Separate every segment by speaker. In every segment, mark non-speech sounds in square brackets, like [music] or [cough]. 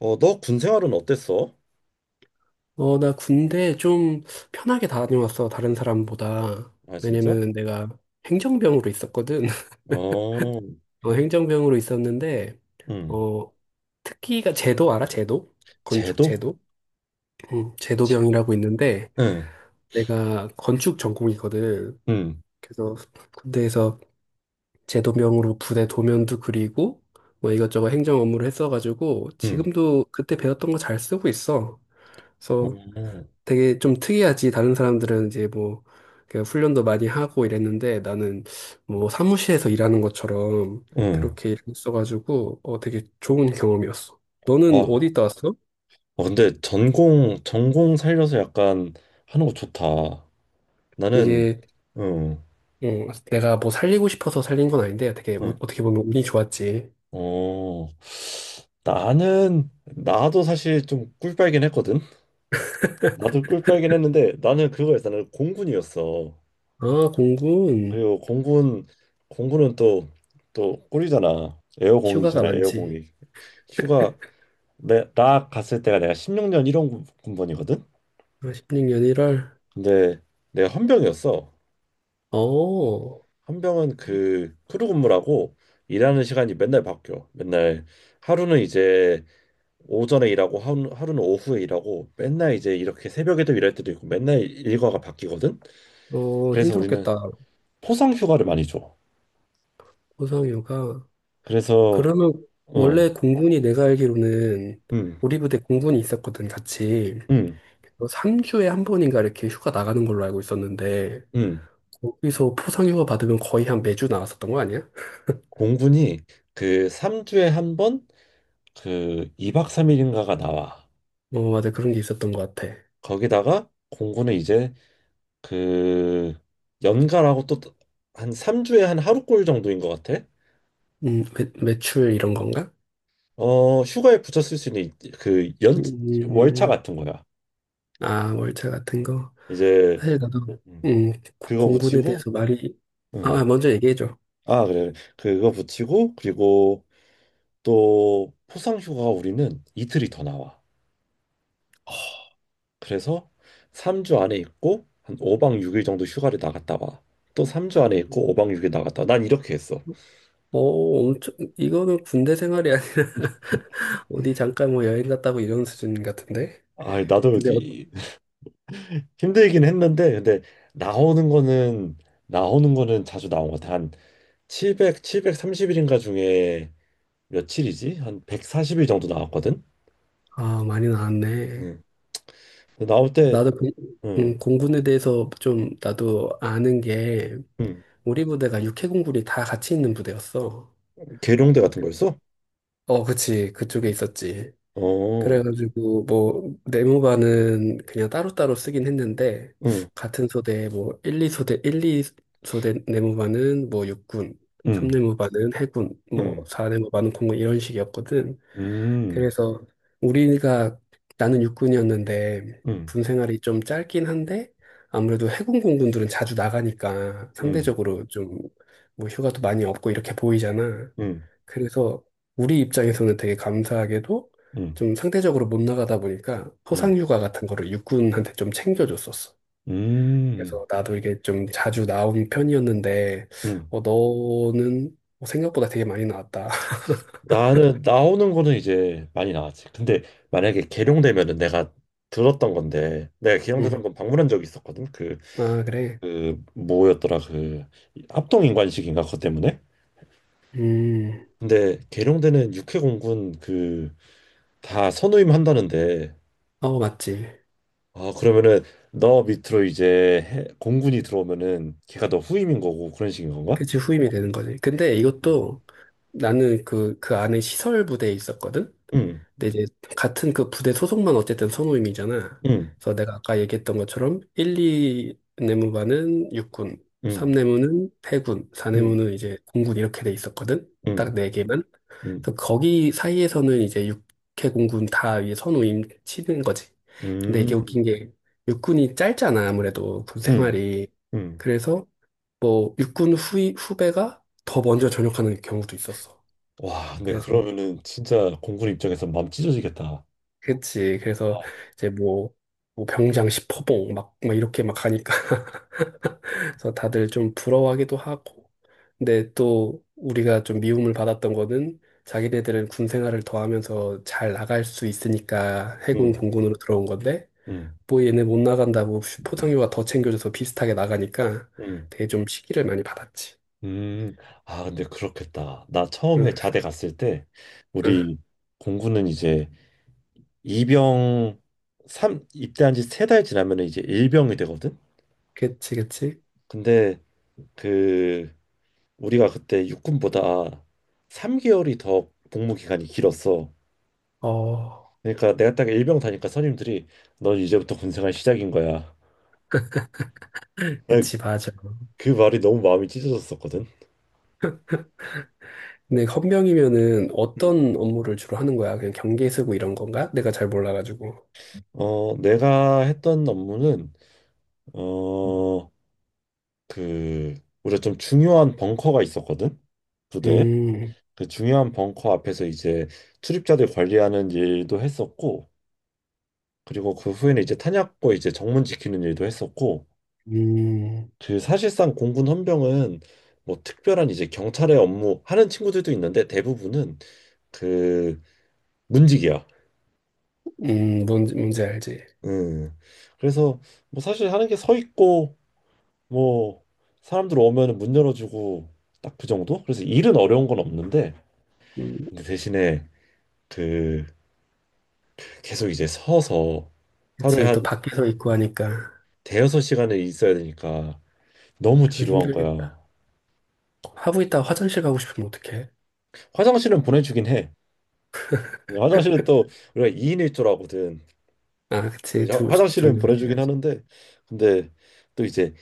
Speaker 1: 너 군 생활은 어땠어?
Speaker 2: 나 군대 좀 편하게 다녀왔어, 다른 사람보다.
Speaker 1: 아, 진짜?
Speaker 2: 왜냐면 내가 행정병으로 있었거든. [laughs]
Speaker 1: 어,
Speaker 2: 행정병으로 있었는데,
Speaker 1: 응.
Speaker 2: 어, 특기가 제도 알아? 제도? 건축
Speaker 1: 제도?
Speaker 2: 제도? 응,
Speaker 1: 제,
Speaker 2: 제도병이라고 있는데,
Speaker 1: 응,
Speaker 2: 내가 건축 전공이거든.
Speaker 1: 응,
Speaker 2: 그래서 군대에서 제도병으로 부대 도면도 그리고, 뭐 이것저것 행정 업무를 했어가지고,
Speaker 1: 응,
Speaker 2: 지금도 그때 배웠던 거 잘 쓰고 있어.
Speaker 1: 어,
Speaker 2: 그래서 되게 좀 특이하지. 다른 사람들은 이제 뭐, 그 훈련도 많이 하고 이랬는데 나는 뭐 사무실에서 일하는 것처럼
Speaker 1: 응.
Speaker 2: 그렇게 일어가지고 되게 좋은 경험이었어. 너는 어디
Speaker 1: 와,
Speaker 2: 있다 왔어?
Speaker 1: 근데 전공 살려서 약간 하는 거 좋다. 나는,
Speaker 2: 이게
Speaker 1: 응,
Speaker 2: 내가 뭐 살리고 싶어서 살린 건 아닌데 되게
Speaker 1: 응,
Speaker 2: 어떻게 보면 운이 좋았지.
Speaker 1: 어, 나도 사실 좀 꿀빨긴 했거든? 나도 꿀빨긴 했는데, 나는 그거였어. 나는 공군이었어.
Speaker 2: 아, 공군.
Speaker 1: 그리고 공군은 또 꿀이잖아.
Speaker 2: 휴가가
Speaker 1: 에어공이잖아,
Speaker 2: 많지.
Speaker 1: 에어공이. 휴가 나 갔을 때가 내가 16년 1원 군번이거든.
Speaker 2: 16년 1월.
Speaker 1: 근데 내가 헌병이었어.
Speaker 2: 어,
Speaker 1: 헌병은 그 크루 근무라고 일하는 시간이 맨날 바뀌어. 맨날 하루는 이제 오전에 일하고 하루는 오후에 일하고 맨날 이제 이렇게 새벽에도 일할 때도 있고 맨날 일과가 바뀌거든.
Speaker 2: 어,
Speaker 1: 그래서 우리는
Speaker 2: 힘들었겠다.
Speaker 1: 포상 휴가를 많이 줘.
Speaker 2: 고상휴가.
Speaker 1: 그래서.
Speaker 2: 그러면 원래
Speaker 1: 어,
Speaker 2: 공군이 내가 알기로는
Speaker 1: 음,
Speaker 2: 우리 부대 공군이 있었거든, 같이.
Speaker 1: 음,
Speaker 2: 3주에 한 번인가 이렇게 휴가 나가는 걸로 알고 있었는데,
Speaker 1: 음.
Speaker 2: 거기서 포상휴가 받으면 거의 한 매주 나왔었던 거 아니야?
Speaker 1: 공군이 그 3주에 한 번 그 2박 3일인가가 나와.
Speaker 2: 어, 맞아. 그런 게 있었던 것 같아.
Speaker 1: 거기다가 공구는 이제 그 연가라고 또 한 3주에 한 하루꼴 정도인 것 같아.
Speaker 2: 매출 이런 건가?
Speaker 1: 휴가에 붙여 쓸 수 있는 그 연, 월차
Speaker 2: 음,
Speaker 1: 같은 거야.
Speaker 2: 아, 월차 같은 거.
Speaker 1: 이제.
Speaker 2: 사실 나도,
Speaker 1: 음,
Speaker 2: 음,
Speaker 1: 그거
Speaker 2: 공군에
Speaker 1: 붙이고.
Speaker 2: 대해서 말이, 아,
Speaker 1: 음.
Speaker 2: 아, 먼저 얘기해줘.
Speaker 1: 아, 그래. 그거 붙이고, 그리고 또 포상 휴가 우리는 이틀이 더 나와. 그래서 3주 안에 있고, 한 5박 6일 정도 휴가를 나갔다 와. 또 3주 안에 있고, 5박 6일 나갔다 와. 난 이렇게 했어.
Speaker 2: 어, 엄청, 이거는 군대 생활이 아니야. [laughs] 어디 잠깐 뭐 여행 갔다고 이런 수준 같은데?
Speaker 1: 아, 나도
Speaker 2: 근데
Speaker 1: 힘들긴 했는데, 근데 나오는 거는 나오는 거는 자주 나온 것 같아. 한7백 칠백 3 0일인가 중에 며칠이지? 한 140일 정도 나왔거든.
Speaker 2: 아, 많이 나왔네.
Speaker 1: 응. 근데 나올 때.
Speaker 2: 나도 그,
Speaker 1: 응.
Speaker 2: 공군에 대해서 좀 나도 아는 게
Speaker 1: 응.
Speaker 2: 우리 부대가 육해공군이 다 같이 있는 부대였어.
Speaker 1: 계룡대 같은
Speaker 2: 그-
Speaker 1: 거였어?
Speaker 2: 어, 그치. 그쪽에 있었지.
Speaker 1: 어.
Speaker 2: 그래가지고 뭐 내무반은 그냥 따로따로 쓰긴 했는데
Speaker 1: 응.
Speaker 2: 같은 소대 뭐 1, 2소대, 일, 이 소대 내무반은 뭐 육군,
Speaker 1: 응.
Speaker 2: 3내무반은 해군,
Speaker 1: 응.
Speaker 2: 뭐 4내무반은 공군 이런 식이었거든.
Speaker 1: 음.
Speaker 2: 그래서 우리가 나는 육군이었는데
Speaker 1: 응.
Speaker 2: 군 생활이 좀 짧긴 한데 아무래도 해군 공군들은 자주 나가니까
Speaker 1: 응.
Speaker 2: 상대적으로 좀 뭐 휴가도 많이 없고 이렇게 보이잖아.
Speaker 1: 응.
Speaker 2: 그래서 우리 입장에서는 되게 감사하게도
Speaker 1: 응.
Speaker 2: 좀 상대적으로 못 나가다 보니까
Speaker 1: 응.
Speaker 2: 포상휴가 같은 거를 육군한테 좀 챙겨줬었어.
Speaker 1: 음.
Speaker 2: 그래서 나도 이게 좀 자주 나온 편이었는데
Speaker 1: 응.
Speaker 2: 어, 너는 생각보다 되게 많이 나왔다. [laughs]
Speaker 1: 나는 나오는 거는 이제 많이 나왔지. 근데 만약에 계룡되면은, 내가 들었던 건데, 내가
Speaker 2: 응.
Speaker 1: 계룡대장군 방문한 적이 있었거든. 그
Speaker 2: 아, 그래.
Speaker 1: 그 뭐였더라, 그 합동인관식인가 그것 때문에.
Speaker 2: 음.
Speaker 1: 근데 계룡대는 육해공군 그 다 선후임 한다는데.
Speaker 2: 어, 맞지.
Speaker 1: 아, 그러면은 너 밑으로 이제 공군이 들어오면은 걔가 너 후임인 거고 그런 식인 건가?
Speaker 2: 그치, 후임이 되는 거지. 근데 이것도 나는 그, 그 안에 시설 부대에 있었거든?
Speaker 1: 응,
Speaker 2: 근데 이제 같은 그 부대 소속만 어쨌든 선후임이잖아.
Speaker 1: 응,
Speaker 2: 그래서 내가 아까 얘기했던 것처럼 1, 2 내무반은 육군, 3
Speaker 1: 응,
Speaker 2: 내무는 해군, 4
Speaker 1: 응,
Speaker 2: 내무는 이제 공군 이렇게 돼 있었거든? 딱
Speaker 1: 응,
Speaker 2: 네 개만.
Speaker 1: 응,
Speaker 2: 그래서 거기 사이에서는 이제 육해 공군 다 이제 선후임 치는 거지. 근데
Speaker 1: 응,
Speaker 2: 이게 웃긴 게 육군이 짧잖아, 아무래도 군
Speaker 1: 응,
Speaker 2: 생활이.
Speaker 1: 응.
Speaker 2: 그래서 뭐 육군 후배가 더 먼저 전역하는 경우도 있었어.
Speaker 1: 와, 근데
Speaker 2: 그래서
Speaker 1: 그러면은 진짜 공군 입장에서 마음 찢어지겠다.
Speaker 2: 그치. 그래서 이제 뭐, 뭐 병장 10호봉 막 이렇게 막 가니까 [laughs] 그래서 다들 좀 부러워하기도 하고. 근데 또 우리가 좀 미움을 받았던 거는 자기네들은 군 생활을 더 하면서 잘 나갈 수 있으니까 해군
Speaker 1: 응,
Speaker 2: 공군으로 들어온 건데
Speaker 1: 응,
Speaker 2: 뭐 얘네 못 나간다고 포상휴가 더 챙겨줘서 비슷하게 나가니까
Speaker 1: 응.
Speaker 2: 되게 좀 시기를 많이 받았지.
Speaker 1: 음. 아, 근데 그렇겠다. 나
Speaker 2: 응,
Speaker 1: 처음에 자대 갔을 때,
Speaker 2: 응.
Speaker 1: 우리 공군은 이제 이병, 삼 입대한 지 세 달 지나면 이제 일병이 되거든?
Speaker 2: 그치, 그치.
Speaker 1: 근데 그, 우리가 그때 육군보다 3개월이 더 복무 기간이 길었어.
Speaker 2: 어,
Speaker 1: 그러니까 내가 딱 일병 다니까 선임들이 넌 이제부터 군생활 시작인 거야. 나
Speaker 2: 그치, 맞아.
Speaker 1: 그 말이 너무 마음이 찢어졌었거든.
Speaker 2: 근데 헌병이면은
Speaker 1: 음.
Speaker 2: 어떤 업무를 주로 하는 거야? 그냥 경계 쓰고 이런 건가? 내가 잘 몰라가지고.
Speaker 1: 내가 했던 업무는, 어, 그 우리가 좀 중요한 벙커가 있었거든. 부대에.
Speaker 2: 음,
Speaker 1: 그 중요한 벙커 앞에서 이제 출입자들 관리하는 일도 했었고, 그리고 그 후에는 이제 탄약고 이제 정문 지키는 일도 했었고.
Speaker 2: 음,
Speaker 1: 그 사실상 공군 헌병은 뭐 특별한 이제 경찰의 업무 하는 친구들도 있는데, 대부분은 그 문직이야.
Speaker 2: 뭔지 알지.
Speaker 1: 음. 그래서 뭐 사실 하는 게 서 있고, 뭐 사람들 오면은 문 열어주고, 딱 그 정도. 그래서 일은 어려운 건 없는데,
Speaker 2: 음,
Speaker 1: 근데 대신에 그 계속 이제 서서 하루에
Speaker 2: 그치,
Speaker 1: 한
Speaker 2: 또 밖에서 있고 하니까.
Speaker 1: 대여섯 시간을 있어야 되니까 너무
Speaker 2: 그거
Speaker 1: 지루한
Speaker 2: 힘들겠다.
Speaker 1: 거야.
Speaker 2: 하고 있다가 화장실 가고 싶으면 어떡해?
Speaker 1: 화장실은 보내주긴 해. 화장실은 또 우리가 2인 1조라거든.
Speaker 2: 아,
Speaker 1: 그럼
Speaker 2: 그치,
Speaker 1: 이제 화장실은
Speaker 2: 둘
Speaker 1: 보내주긴
Speaker 2: 해야지.
Speaker 1: 하는데, 근데 또 이제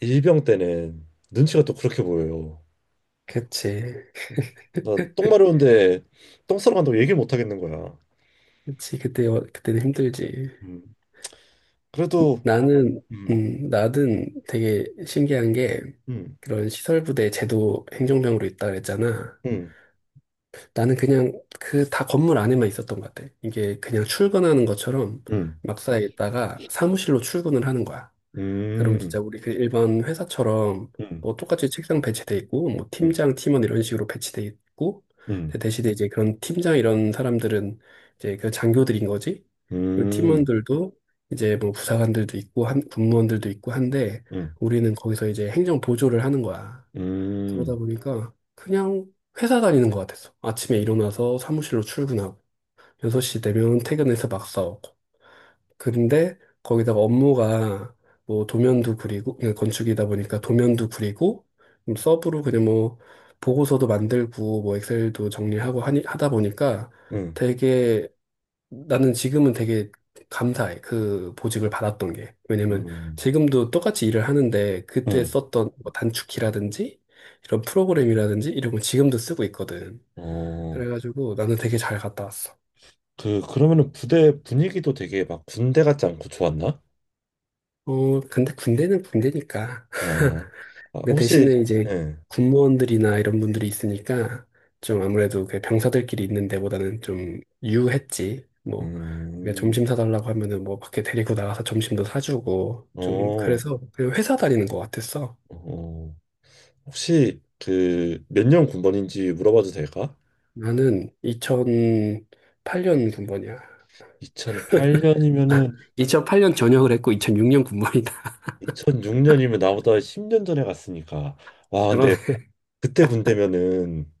Speaker 1: 일병 때는 눈치가 또 그렇게 보여요.
Speaker 2: 그치,
Speaker 1: 나 똥 마려운데 똥 싸러 간다고 얘기를 못 하겠는 거야.
Speaker 2: 그때, 그때는 힘들지.
Speaker 1: 음. 그래도.
Speaker 2: 나는,
Speaker 1: 음.
Speaker 2: 나는 되게 신기한 게
Speaker 1: 음.
Speaker 2: 그런 시설부대 제도 행정병으로 있다 그랬잖아.
Speaker 1: 음.
Speaker 2: 나는 그냥 그 다 건물 안에만 있었던 것 같아. 이게 그냥 출근하는 것처럼
Speaker 1: 음.
Speaker 2: 막사에 있다가 사무실로 출근을 하는 거야. 그럼
Speaker 1: 음.
Speaker 2: 진짜 우리 그 일반 회사처럼
Speaker 1: 음.
Speaker 2: 뭐 똑같이 책상 배치돼 있고 뭐
Speaker 1: 음.
Speaker 2: 팀장, 팀원 이런 식으로 배치돼 있고
Speaker 1: 음.
Speaker 2: 근데 대신에 이제 그런 팀장 이런 사람들은 이제 그 장교들인 거지. 그
Speaker 1: 음.
Speaker 2: 팀원들도 이제 뭐 부사관들도 있고 한 군무원들도 있고 한데
Speaker 1: 음.
Speaker 2: 우리는 거기서 이제 행정 보조를 하는 거야. 그러다
Speaker 1: 음,
Speaker 2: 보니까 그냥 회사 다니는 것 같았어. 아침에 일어나서 사무실로 출근하고 6시 되면 퇴근해서 막 싸우고. 근데 거기다가 업무가 뭐 도면도 그리고 그냥 건축이다 보니까 도면도 그리고 좀 서브로 그냥 뭐 보고서도 만들고 뭐 엑셀도 정리하고 하다 보니까
Speaker 1: 음,
Speaker 2: 되게 나는 지금은 되게 감사해. 그 보직을 받았던 게. 왜냐면
Speaker 1: 음,
Speaker 2: 지금도 똑같이 일을 하는데 그때
Speaker 1: 음.
Speaker 2: 썼던 뭐 단축키라든지 이런 프로그램이라든지 이런 거 지금도 쓰고 있거든.
Speaker 1: 어,
Speaker 2: 그래가지고 나는 되게 잘 갔다 왔어.
Speaker 1: 그러면은 부대 분위기도 되게 막 군대 같지 않고 좋았나?
Speaker 2: 어, 근데 군대는 군대니까.
Speaker 1: 예. 아,
Speaker 2: 근데
Speaker 1: 혹시.
Speaker 2: 대신에 이제
Speaker 1: 예.
Speaker 2: 군무원들이나 이런 분들이 있으니까 좀 아무래도 그 병사들끼리 있는 데보다는 좀 유했지. 뭐 그러
Speaker 1: 음.
Speaker 2: 점심 사달라고 하면은 뭐 밖에 데리고 나가서 점심도 사주고 좀
Speaker 1: 어,
Speaker 2: 그래서 그냥 회사 다니는 것 같았어.
Speaker 1: 어, 혹시 그 몇 년 군번인지 물어봐도 될까?
Speaker 2: 나는 2008년 군번이야.
Speaker 1: 2008년이면은
Speaker 2: 2008년 전역을 했고 2006년 군번이다.
Speaker 1: 2006년이면 나보다 10년 전에 갔으니까. 와,
Speaker 2: [laughs] 그런
Speaker 1: 근데 그때 군대면은,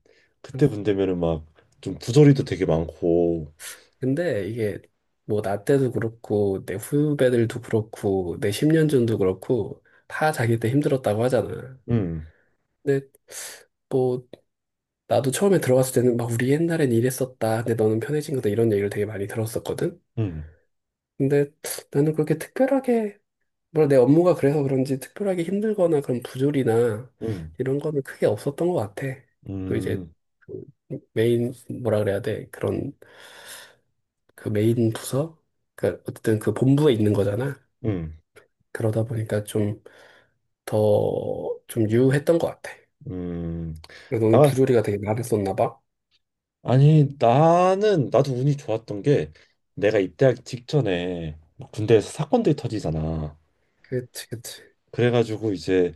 Speaker 1: 막 좀 부조리도 되게 많고.
Speaker 2: 근데 이게 뭐 나 때도 그렇고 내 후배들도 그렇고 내 10년 전도 그렇고 다 자기 때 힘들었다고 하잖아.
Speaker 1: 음,
Speaker 2: 근데 뭐 나도 처음에 들어갔을 때는 막 우리 옛날엔 이랬었다. 근데 너는 편해진 거다. 이런 얘기를 되게 많이 들었었거든.
Speaker 1: 음,
Speaker 2: 근데 나는 그렇게 특별하게 뭐 내 업무가 그래서 그런지 특별하게 힘들거나 그런 부조리나
Speaker 1: 음.
Speaker 2: 이런 거는 크게 없었던 것 같아. 또 이제
Speaker 1: 음,
Speaker 2: 그 메인 뭐라 그래야 돼? 그런 그 메인 부서 그 어쨌든 그 본부에 있는 거잖아.
Speaker 1: 음,
Speaker 2: 그러다 보니까 좀 더 좀 유했던 것 같아.
Speaker 1: 음.
Speaker 2: 너는
Speaker 1: 아,
Speaker 2: 부조리가 되게 많았었나 봐.
Speaker 1: 아니, 나도 운이 좋았던 게, 내가 입대하기 직전에 막 군대에서 사건들이 터지잖아.
Speaker 2: 그치, 그치.
Speaker 1: 그래가지고 이제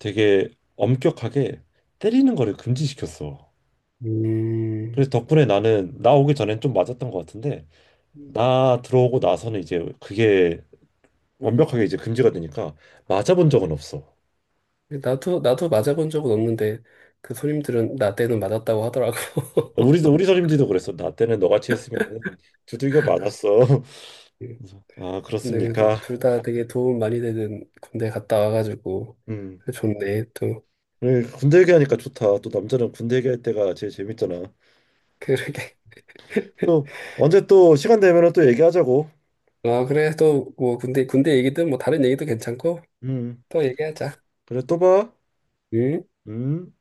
Speaker 1: 되게 엄격하게 때리는 거를 금지시켰어.
Speaker 2: 음.
Speaker 1: 그래서 덕분에 나 오기 전엔 좀 맞았던 것 같은데,
Speaker 2: 음.
Speaker 1: 나 들어오고 나서는 이제 그게 완벽하게 이제 금지가 되니까 맞아본 적은 없어.
Speaker 2: 나도, 나도 맞아본 적은 없는데, 그 손님들은 나 때는 맞았다고 하더라고. [laughs]
Speaker 1: 우리 선임지도 그랬어. 나 때는 너같이 했으면 두들겨 맞았어. [laughs]
Speaker 2: 음.
Speaker 1: 그래서, 아,
Speaker 2: 근데 그래도
Speaker 1: 그렇습니까?
Speaker 2: 둘 다 되게 도움 많이 되는 군대 갔다 와가지고,
Speaker 1: 음.
Speaker 2: 그래 좋네, 또. [laughs]
Speaker 1: 그래, 군대 얘기하니까 좋다. 또 남자는 군대 얘기할 때가 제일 재밌잖아.
Speaker 2: 그러게.
Speaker 1: 또 언제 또 시간 되면은 또 얘기하자고.
Speaker 2: 아, 그래, 또, 뭐, 군대 얘기든 뭐, 다른 얘기도 괜찮고,
Speaker 1: 음.
Speaker 2: 또 얘기하자.
Speaker 1: 그래, 또 봐.
Speaker 2: 응?
Speaker 1: 음.